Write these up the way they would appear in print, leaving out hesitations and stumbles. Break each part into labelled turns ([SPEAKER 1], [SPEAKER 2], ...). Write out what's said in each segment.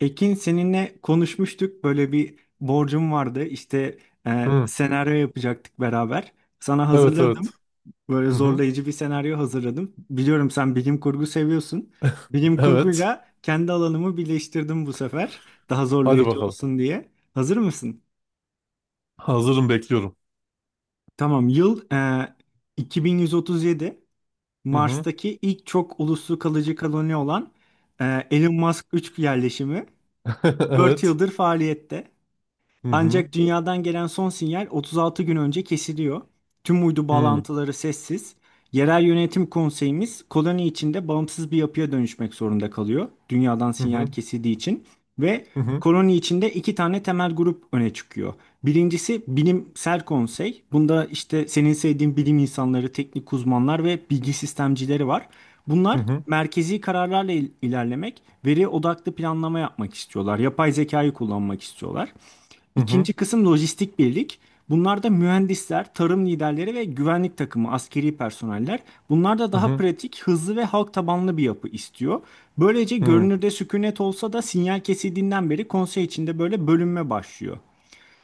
[SPEAKER 1] Ekin, seninle konuşmuştuk. Böyle bir borcum vardı. İşte
[SPEAKER 2] Hı.
[SPEAKER 1] senaryo yapacaktık beraber. Sana
[SPEAKER 2] Evet,
[SPEAKER 1] hazırladım.
[SPEAKER 2] evet.
[SPEAKER 1] Böyle
[SPEAKER 2] Hı hı.
[SPEAKER 1] zorlayıcı bir senaryo hazırladım. Biliyorum sen bilim kurgu seviyorsun. Bilim
[SPEAKER 2] Evet.
[SPEAKER 1] kurguyla kendi alanımı birleştirdim bu sefer. Daha
[SPEAKER 2] Hadi
[SPEAKER 1] zorlayıcı
[SPEAKER 2] bakalım.
[SPEAKER 1] olsun diye. Hazır mısın?
[SPEAKER 2] Hazırım, bekliyorum.
[SPEAKER 1] Tamam. Yıl 2137.
[SPEAKER 2] Hı hı.
[SPEAKER 1] Mars'taki ilk çok uluslu kalıcı koloni olan Elon Musk 3 yerleşimi 4
[SPEAKER 2] Evet.
[SPEAKER 1] yıldır faaliyette.
[SPEAKER 2] Hı hı.
[SPEAKER 1] Ancak dünyadan gelen son sinyal 36 gün önce kesiliyor. Tüm uydu
[SPEAKER 2] Hı hı.
[SPEAKER 1] bağlantıları sessiz. Yerel yönetim konseyimiz koloni içinde bağımsız bir yapıya dönüşmek zorunda kalıyor. Dünyadan
[SPEAKER 2] Hı
[SPEAKER 1] sinyal
[SPEAKER 2] hı.
[SPEAKER 1] kesildiği için ve
[SPEAKER 2] Hı hı.
[SPEAKER 1] koloni içinde iki tane temel grup öne çıkıyor. Birincisi bilimsel konsey. Bunda işte senin sevdiğin bilim insanları, teknik uzmanlar ve bilgi sistemcileri var.
[SPEAKER 2] Hı
[SPEAKER 1] Bunlar
[SPEAKER 2] hı.
[SPEAKER 1] merkezi kararlarla ilerlemek, veri odaklı planlama yapmak istiyorlar. Yapay zekayı kullanmak istiyorlar.
[SPEAKER 2] Hı hı.
[SPEAKER 1] İkinci kısım lojistik birlik. Bunlar da mühendisler, tarım liderleri ve güvenlik takımı, askeri personeller. Bunlar da daha
[SPEAKER 2] Hı
[SPEAKER 1] pratik, hızlı ve halk tabanlı bir yapı istiyor. Böylece
[SPEAKER 2] hı.
[SPEAKER 1] görünürde sükunet olsa da sinyal kesildiğinden beri konsey içinde böyle bölünme başlıyor.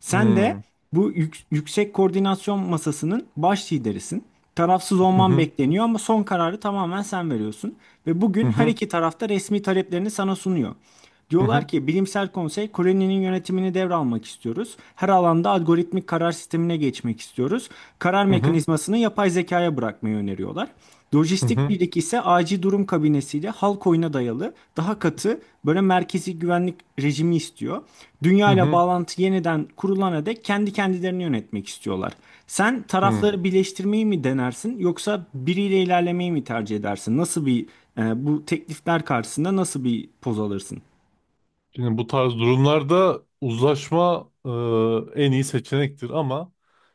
[SPEAKER 1] Sen de
[SPEAKER 2] Hı
[SPEAKER 1] bu yüksek koordinasyon masasının baş liderisin. Tarafsız olman
[SPEAKER 2] hı.
[SPEAKER 1] bekleniyor ama son kararı tamamen sen veriyorsun. Ve
[SPEAKER 2] Hı
[SPEAKER 1] bugün her
[SPEAKER 2] hı.
[SPEAKER 1] iki tarafta resmi taleplerini sana sunuyor.
[SPEAKER 2] Hı
[SPEAKER 1] Diyorlar
[SPEAKER 2] hı.
[SPEAKER 1] ki bilimsel konsey Koreli'nin yönetimini devralmak istiyoruz. Her alanda algoritmik karar sistemine geçmek istiyoruz. Karar
[SPEAKER 2] Hı hı. Hı hı.
[SPEAKER 1] mekanizmasını yapay zekaya bırakmayı öneriyorlar.
[SPEAKER 2] Hı
[SPEAKER 1] Lojistik
[SPEAKER 2] hı.
[SPEAKER 1] birlik ise acil durum kabinesiyle halk oyuna dayalı daha katı böyle merkezi güvenlik rejimi istiyor.
[SPEAKER 2] Hı
[SPEAKER 1] Dünya ile
[SPEAKER 2] hı.
[SPEAKER 1] bağlantı yeniden kurulana dek kendi kendilerini yönetmek istiyorlar. Sen tarafları birleştirmeyi mi denersin yoksa biriyle ilerlemeyi mi tercih edersin? Nasıl bir bu teklifler karşısında nasıl bir poz alırsın?
[SPEAKER 2] Şimdi bu tarz durumlarda uzlaşma en iyi seçenektir ama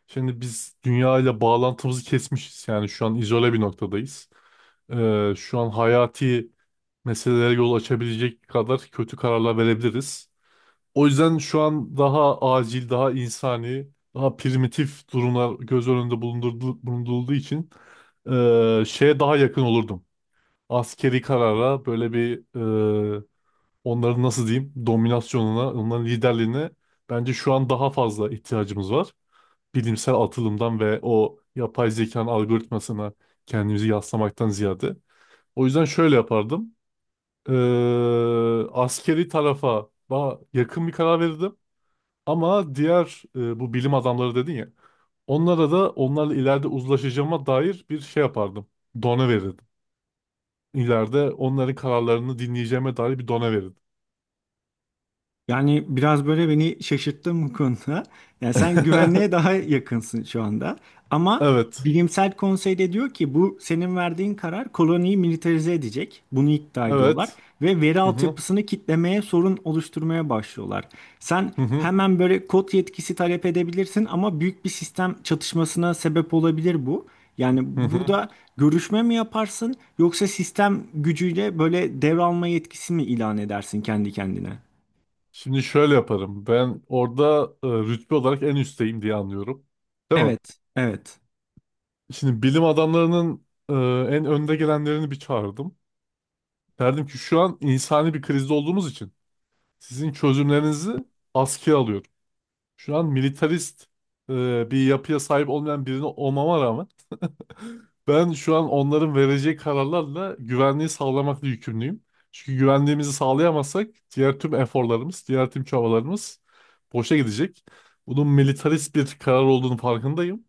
[SPEAKER 2] şimdi biz dünya ile bağlantımızı kesmişiz. Yani şu an izole bir noktadayız. Şu an hayati meselelere yol açabilecek kadar kötü kararlar verebiliriz. O yüzden şu an daha acil, daha insani, daha primitif durumlar göz önünde bulundurulduğu için şeye daha yakın olurdum. Askeri karara böyle bir e, onların nasıl diyeyim dominasyonuna, onların liderliğine bence şu an daha fazla ihtiyacımız var. Bilimsel atılımdan ve o yapay zekanın algoritmasına kendimizi yaslamaktan ziyade. O yüzden şöyle yapardım. Ee, Askeri tarafa daha yakın bir karar verirdim. Ama diğer bu bilim adamları dedin ya. Onlara da onlarla ileride uzlaşacağıma dair bir şey yapardım. Done verirdim. İleride onların kararlarını dinleyeceğime dair bir done verirdim.
[SPEAKER 1] Yani biraz böyle beni şaşırttın bu konuda. Yani sen güvenliğe daha yakınsın şu anda. Ama
[SPEAKER 2] Evet.
[SPEAKER 1] bilimsel konsey de diyor ki bu senin verdiğin karar koloniyi militarize edecek. Bunu iddia ediyorlar.
[SPEAKER 2] Evet.
[SPEAKER 1] Ve veri
[SPEAKER 2] Hı hı.
[SPEAKER 1] altyapısını kitlemeye, sorun oluşturmaya başlıyorlar. Sen
[SPEAKER 2] Hı hı.
[SPEAKER 1] hemen böyle kod yetkisi talep edebilirsin ama büyük bir sistem çatışmasına sebep olabilir bu. Yani
[SPEAKER 2] Hı hı.
[SPEAKER 1] burada görüşme mi yaparsın yoksa sistem gücüyle böyle devralma yetkisi mi ilan edersin kendi kendine?
[SPEAKER 2] Şimdi şöyle yaparım. Ben orada rütbe olarak en üstteyim diye anlıyorum. Değil mi?
[SPEAKER 1] Evet, evet.
[SPEAKER 2] Şimdi bilim adamlarının en önde gelenlerini bir çağırdım. Derdim ki şu an insani bir krizde olduğumuz için sizin çözümlerinizi askıya alıyorum. Şu an militarist bir yapıya sahip olmayan birini olmama rağmen ben şu an onların vereceği kararlarla güvenliği sağlamakla yükümlüyüm. Çünkü güvenliğimizi sağlayamazsak diğer tüm eforlarımız, diğer tüm çabalarımız boşa gidecek. Bunun militarist bir karar olduğunu farkındayım.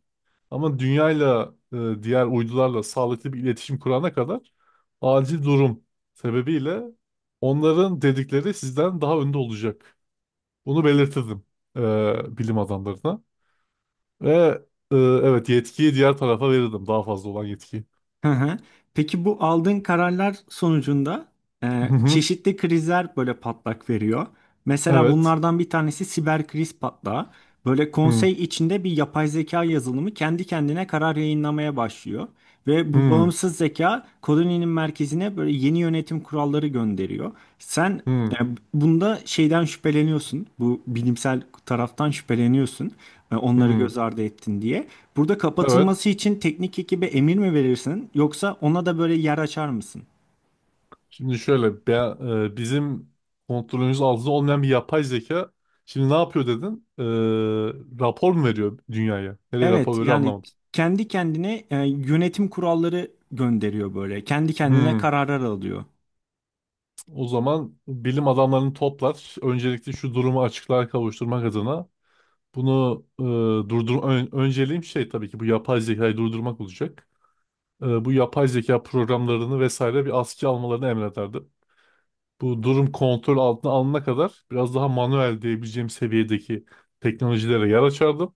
[SPEAKER 2] Ama dünyayla, diğer uydularla sağlıklı bir iletişim kurana kadar acil durum sebebiyle onların dedikleri sizden daha önde olacak. Bunu belirtirdim bilim adamlarına. Ve evet, yetkiyi diğer tarafa verirdim, daha fazla olan yetkiyi.
[SPEAKER 1] Hı hı. Peki bu aldığın kararlar sonucunda çeşitli krizler böyle patlak veriyor. Mesela
[SPEAKER 2] Evet.
[SPEAKER 1] bunlardan bir tanesi siber kriz patlağı. Böyle
[SPEAKER 2] Hı,
[SPEAKER 1] konsey içinde bir yapay zeka yazılımı kendi kendine karar yayınlamaya başlıyor. Ve bu
[SPEAKER 2] hı,
[SPEAKER 1] bağımsız zeka koloninin merkezine böyle yeni yönetim kuralları gönderiyor. Sen
[SPEAKER 2] hı,
[SPEAKER 1] yani bunda şeyden şüpheleniyorsun. Bu bilimsel taraftan şüpheleniyorsun. Onları
[SPEAKER 2] hı.
[SPEAKER 1] göz ardı ettin diye. Burada
[SPEAKER 2] Evet.
[SPEAKER 1] kapatılması için teknik ekibe emir mi verirsin yoksa ona da böyle yer açar mısın?
[SPEAKER 2] Şimdi şöyle bizim kontrolümüz altında olmayan bir yapay zeka şimdi ne yapıyor dedin? Rapor mu veriyor dünyaya? Nereye
[SPEAKER 1] Evet
[SPEAKER 2] rapor veriyor
[SPEAKER 1] yani
[SPEAKER 2] anlamadım.
[SPEAKER 1] kendi kendine yönetim kuralları gönderiyor böyle. Kendi kendine
[SPEAKER 2] Hı.
[SPEAKER 1] kararlar alıyor.
[SPEAKER 2] O zaman bilim adamlarını toplar. Öncelikle şu durumu açıklığa kavuşturmak adına bunu önceliğim şey tabii ki bu yapay zekayı durdurmak olacak. Bu yapay zeka programlarını vesaire bir askıya almalarını emrederdi. Bu durum kontrol altına alınana kadar biraz daha manuel diyebileceğim seviyedeki teknolojilere yer açardım.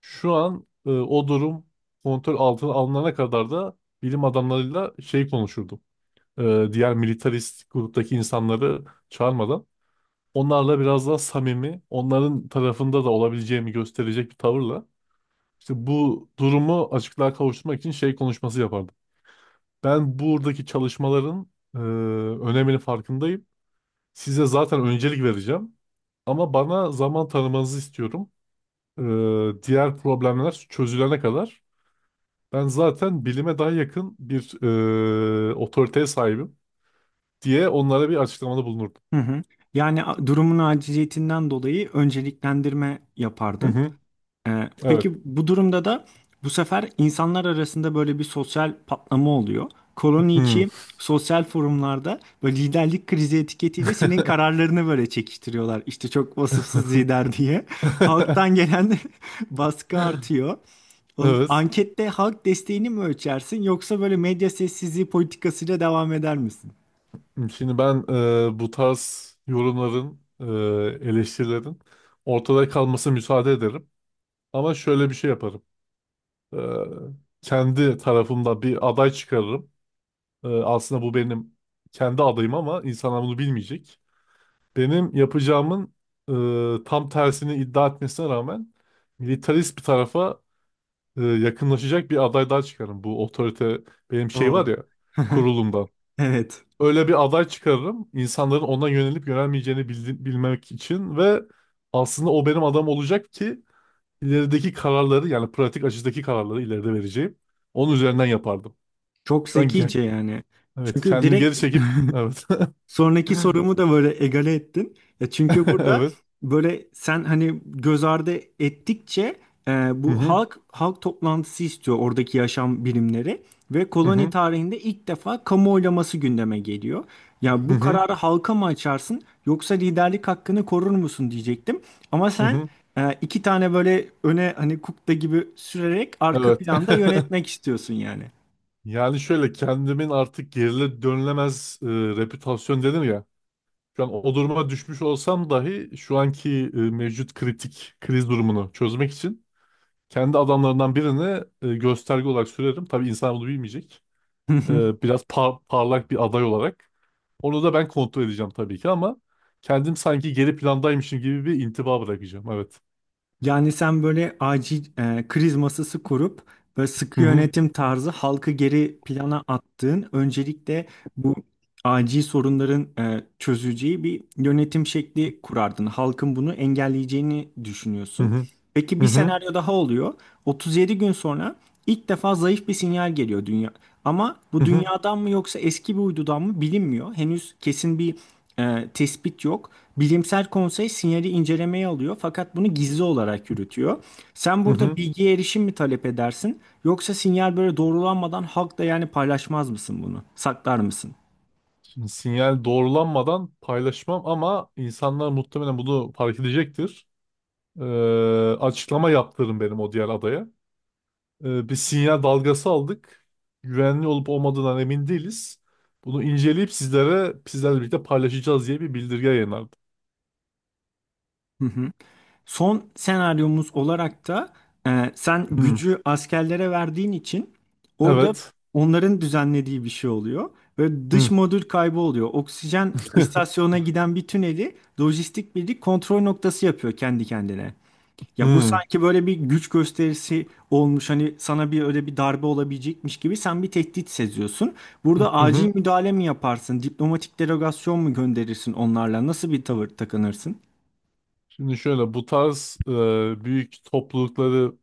[SPEAKER 2] Şu an o durum kontrol altına alınana kadar da bilim adamlarıyla şey konuşurdum. E, Diğer militarist gruptaki insanları çağırmadan onlarla biraz daha samimi, onların tarafında da olabileceğimi gösterecek bir tavırla işte bu durumu açıklığa kavuşturmak için şey konuşması yapardım. Ben buradaki çalışmaların e, öneminin farkındayım. Size zaten öncelik vereceğim. Ama bana zaman tanımanızı istiyorum. Diğer problemler çözülene kadar ben zaten bilime daha yakın bir otoriteye sahibim diye onlara bir açıklamada bulunurdum.
[SPEAKER 1] Hı hı. Yani durumun aciliyetinden dolayı önceliklendirme
[SPEAKER 2] Hı
[SPEAKER 1] yapardın.
[SPEAKER 2] hı, evet.
[SPEAKER 1] Peki bu durumda da bu sefer insanlar arasında böyle bir sosyal patlama oluyor. Koloni
[SPEAKER 2] Hı.
[SPEAKER 1] içi sosyal forumlarda böyle liderlik krizi etiketiyle senin kararlarını böyle çekiştiriyorlar. İşte çok vasıfsız lider diye. Halktan gelen baskı artıyor.
[SPEAKER 2] Evet.
[SPEAKER 1] Ankette halk desteğini mi ölçersin yoksa böyle medya sessizliği politikasıyla devam eder misin?
[SPEAKER 2] Şimdi ben bu tarz yorumların, eleştirilerin ortada kalmasına müsaade ederim. Ama şöyle bir şey yaparım. E, Kendi tarafımda bir aday çıkarırım. Aslında bu benim kendi adayım ama insanlar bunu bilmeyecek. Benim yapacağımın tam tersini iddia etmesine rağmen militarist bir tarafa yakınlaşacak bir aday daha çıkarım. Bu otorite benim şey var
[SPEAKER 1] Oo.
[SPEAKER 2] ya kurulumdan.
[SPEAKER 1] Evet.
[SPEAKER 2] Öyle bir aday çıkarırım, insanların ona yönelip yönelmeyeceğini bilmek için ve aslında o benim adam olacak ki ilerideki kararları, yani pratik açıdaki kararları ileride vereceğim. Onun üzerinden yapardım.
[SPEAKER 1] Çok
[SPEAKER 2] Şu an gel.
[SPEAKER 1] zekice yani.
[SPEAKER 2] Evet,
[SPEAKER 1] Çünkü
[SPEAKER 2] kendimi
[SPEAKER 1] direkt
[SPEAKER 2] geri çekip evet.
[SPEAKER 1] sonraki sorumu da böyle egale ettin. Ya çünkü burada
[SPEAKER 2] Evet.
[SPEAKER 1] böyle sen hani göz ardı ettikçe e,
[SPEAKER 2] Hı
[SPEAKER 1] bu
[SPEAKER 2] hı.
[SPEAKER 1] halk toplantısı istiyor oradaki yaşam bilimleri ve
[SPEAKER 2] Hı
[SPEAKER 1] koloni
[SPEAKER 2] hı.
[SPEAKER 1] tarihinde ilk defa kamu oylaması gündeme geliyor. Ya
[SPEAKER 2] Hı
[SPEAKER 1] bu
[SPEAKER 2] hı.
[SPEAKER 1] kararı halka mı açarsın yoksa liderlik hakkını korur musun diyecektim. Ama
[SPEAKER 2] Hı
[SPEAKER 1] sen
[SPEAKER 2] hı.
[SPEAKER 1] iki tane böyle öne hani kukla gibi sürerek arka
[SPEAKER 2] Evet.
[SPEAKER 1] planda yönetmek istiyorsun yani.
[SPEAKER 2] Yani şöyle kendimin artık geriye dönülemez reputasyon dedim ya. Şu an o duruma düşmüş olsam dahi şu anki mevcut kritik kriz durumunu çözmek için kendi adamlarından birine gösterge olarak sürerim. Tabii insan bunu bilmeyecek. Biraz parlak bir aday olarak. Onu da ben kontrol edeceğim tabii ki ama kendim sanki geri plandaymışım gibi bir intiba bırakacağım. Evet.
[SPEAKER 1] Yani sen böyle acil kriz masası kurup böyle
[SPEAKER 2] Hı
[SPEAKER 1] sıkı
[SPEAKER 2] hı.
[SPEAKER 1] yönetim tarzı halkı geri plana attığın öncelikle bu acil sorunların çözüleceği bir yönetim şekli kurardın. Halkın bunu engelleyeceğini
[SPEAKER 2] Hı
[SPEAKER 1] düşünüyorsun.
[SPEAKER 2] hı.
[SPEAKER 1] Peki bir
[SPEAKER 2] Hı hı.
[SPEAKER 1] senaryo daha oluyor. 37 gün sonra ilk defa zayıf bir sinyal geliyor dünya. Ama bu
[SPEAKER 2] Hı hı.
[SPEAKER 1] dünyadan mı yoksa eski bir uydudan mı bilinmiyor. Henüz kesin bir tespit yok. Bilimsel konsey sinyali incelemeye alıyor fakat bunu gizli olarak yürütüyor. Sen
[SPEAKER 2] Hı
[SPEAKER 1] burada
[SPEAKER 2] hı.
[SPEAKER 1] bilgiye erişim mi talep edersin yoksa sinyal böyle doğrulanmadan halkla yani paylaşmaz mısın bunu? Saklar mısın?
[SPEAKER 2] Sinyal doğrulanmadan paylaşmam ama insanlar muhtemelen bunu fark edecektir. Ee, Açıklama yaptırın benim o diğer adaya. Bir sinyal dalgası aldık. Güvenli olup olmadığından emin değiliz. Bunu inceleyip sizlere sizlerle birlikte paylaşacağız diye bir bildirge yayınlardı.
[SPEAKER 1] Son senaryomuz olarak da sen
[SPEAKER 2] Hmm,
[SPEAKER 1] gücü askerlere verdiğin için orada
[SPEAKER 2] evet.
[SPEAKER 1] onların düzenlediği bir şey oluyor. Ve
[SPEAKER 2] Hmm,
[SPEAKER 1] dış modül kaybı oluyor. Oksijen istasyonuna giden bir tüneli lojistik birlik kontrol noktası yapıyor kendi kendine. Ya bu
[SPEAKER 2] hmm,
[SPEAKER 1] sanki böyle bir güç gösterisi olmuş. Hani sana bir öyle bir darbe olabilecekmiş gibi sen bir tehdit seziyorsun.
[SPEAKER 2] hı
[SPEAKER 1] Burada
[SPEAKER 2] hı hı.
[SPEAKER 1] acil müdahale mi yaparsın? Diplomatik delegasyon mu gönderirsin onlarla? Nasıl bir tavır takınırsın?
[SPEAKER 2] Şimdi şöyle bu tarz büyük toplulukları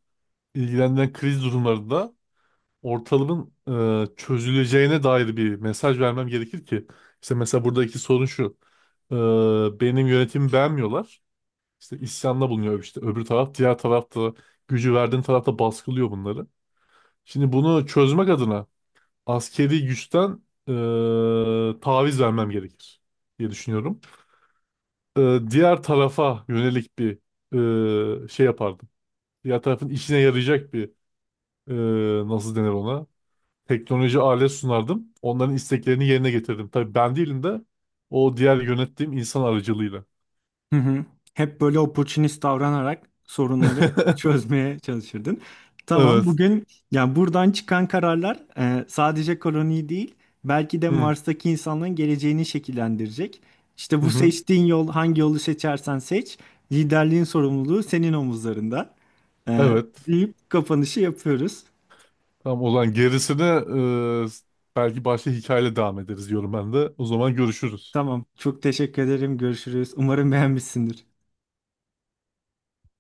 [SPEAKER 2] ilgilendiren kriz durumlarında ortalığın çözüleceğine dair bir mesaj vermem gerekir ki. İşte mesela buradaki sorun şu. E, Benim yönetimi beğenmiyorlar. İşte isyanda bulunuyor işte öbür taraf. Diğer tarafta gücü verdiğin tarafta baskılıyor bunları. Şimdi bunu çözmek adına askeri güçten taviz vermem gerekir diye düşünüyorum. Diğer tarafa yönelik bir şey yapardım. Diğer tarafın işine yarayacak bir nasıl denir ona? Teknoloji alet sunardım. Onların isteklerini yerine getirdim. Tabii ben değilim de o diğer yönettiğim insan aracılığıyla.
[SPEAKER 1] Hı hı. Hep böyle opportunist davranarak sorunları çözmeye çalışırdın. Tamam,
[SPEAKER 2] Evet.
[SPEAKER 1] bugün yani buradan çıkan kararlar sadece koloniyi değil, belki de
[SPEAKER 2] Hı,
[SPEAKER 1] Mars'taki insanların geleceğini şekillendirecek. İşte
[SPEAKER 2] hı,
[SPEAKER 1] bu
[SPEAKER 2] hı.
[SPEAKER 1] seçtiğin yol, hangi yolu seçersen seç, liderliğin sorumluluğu senin omuzlarında. E,
[SPEAKER 2] Evet.
[SPEAKER 1] deyip kapanışı yapıyoruz.
[SPEAKER 2] Tamam, o zaman gerisini e, belki başka hikayeyle devam ederiz diyorum ben de. O zaman görüşürüz.
[SPEAKER 1] Tamam, çok teşekkür ederim. Görüşürüz. Umarım beğenmişsindir.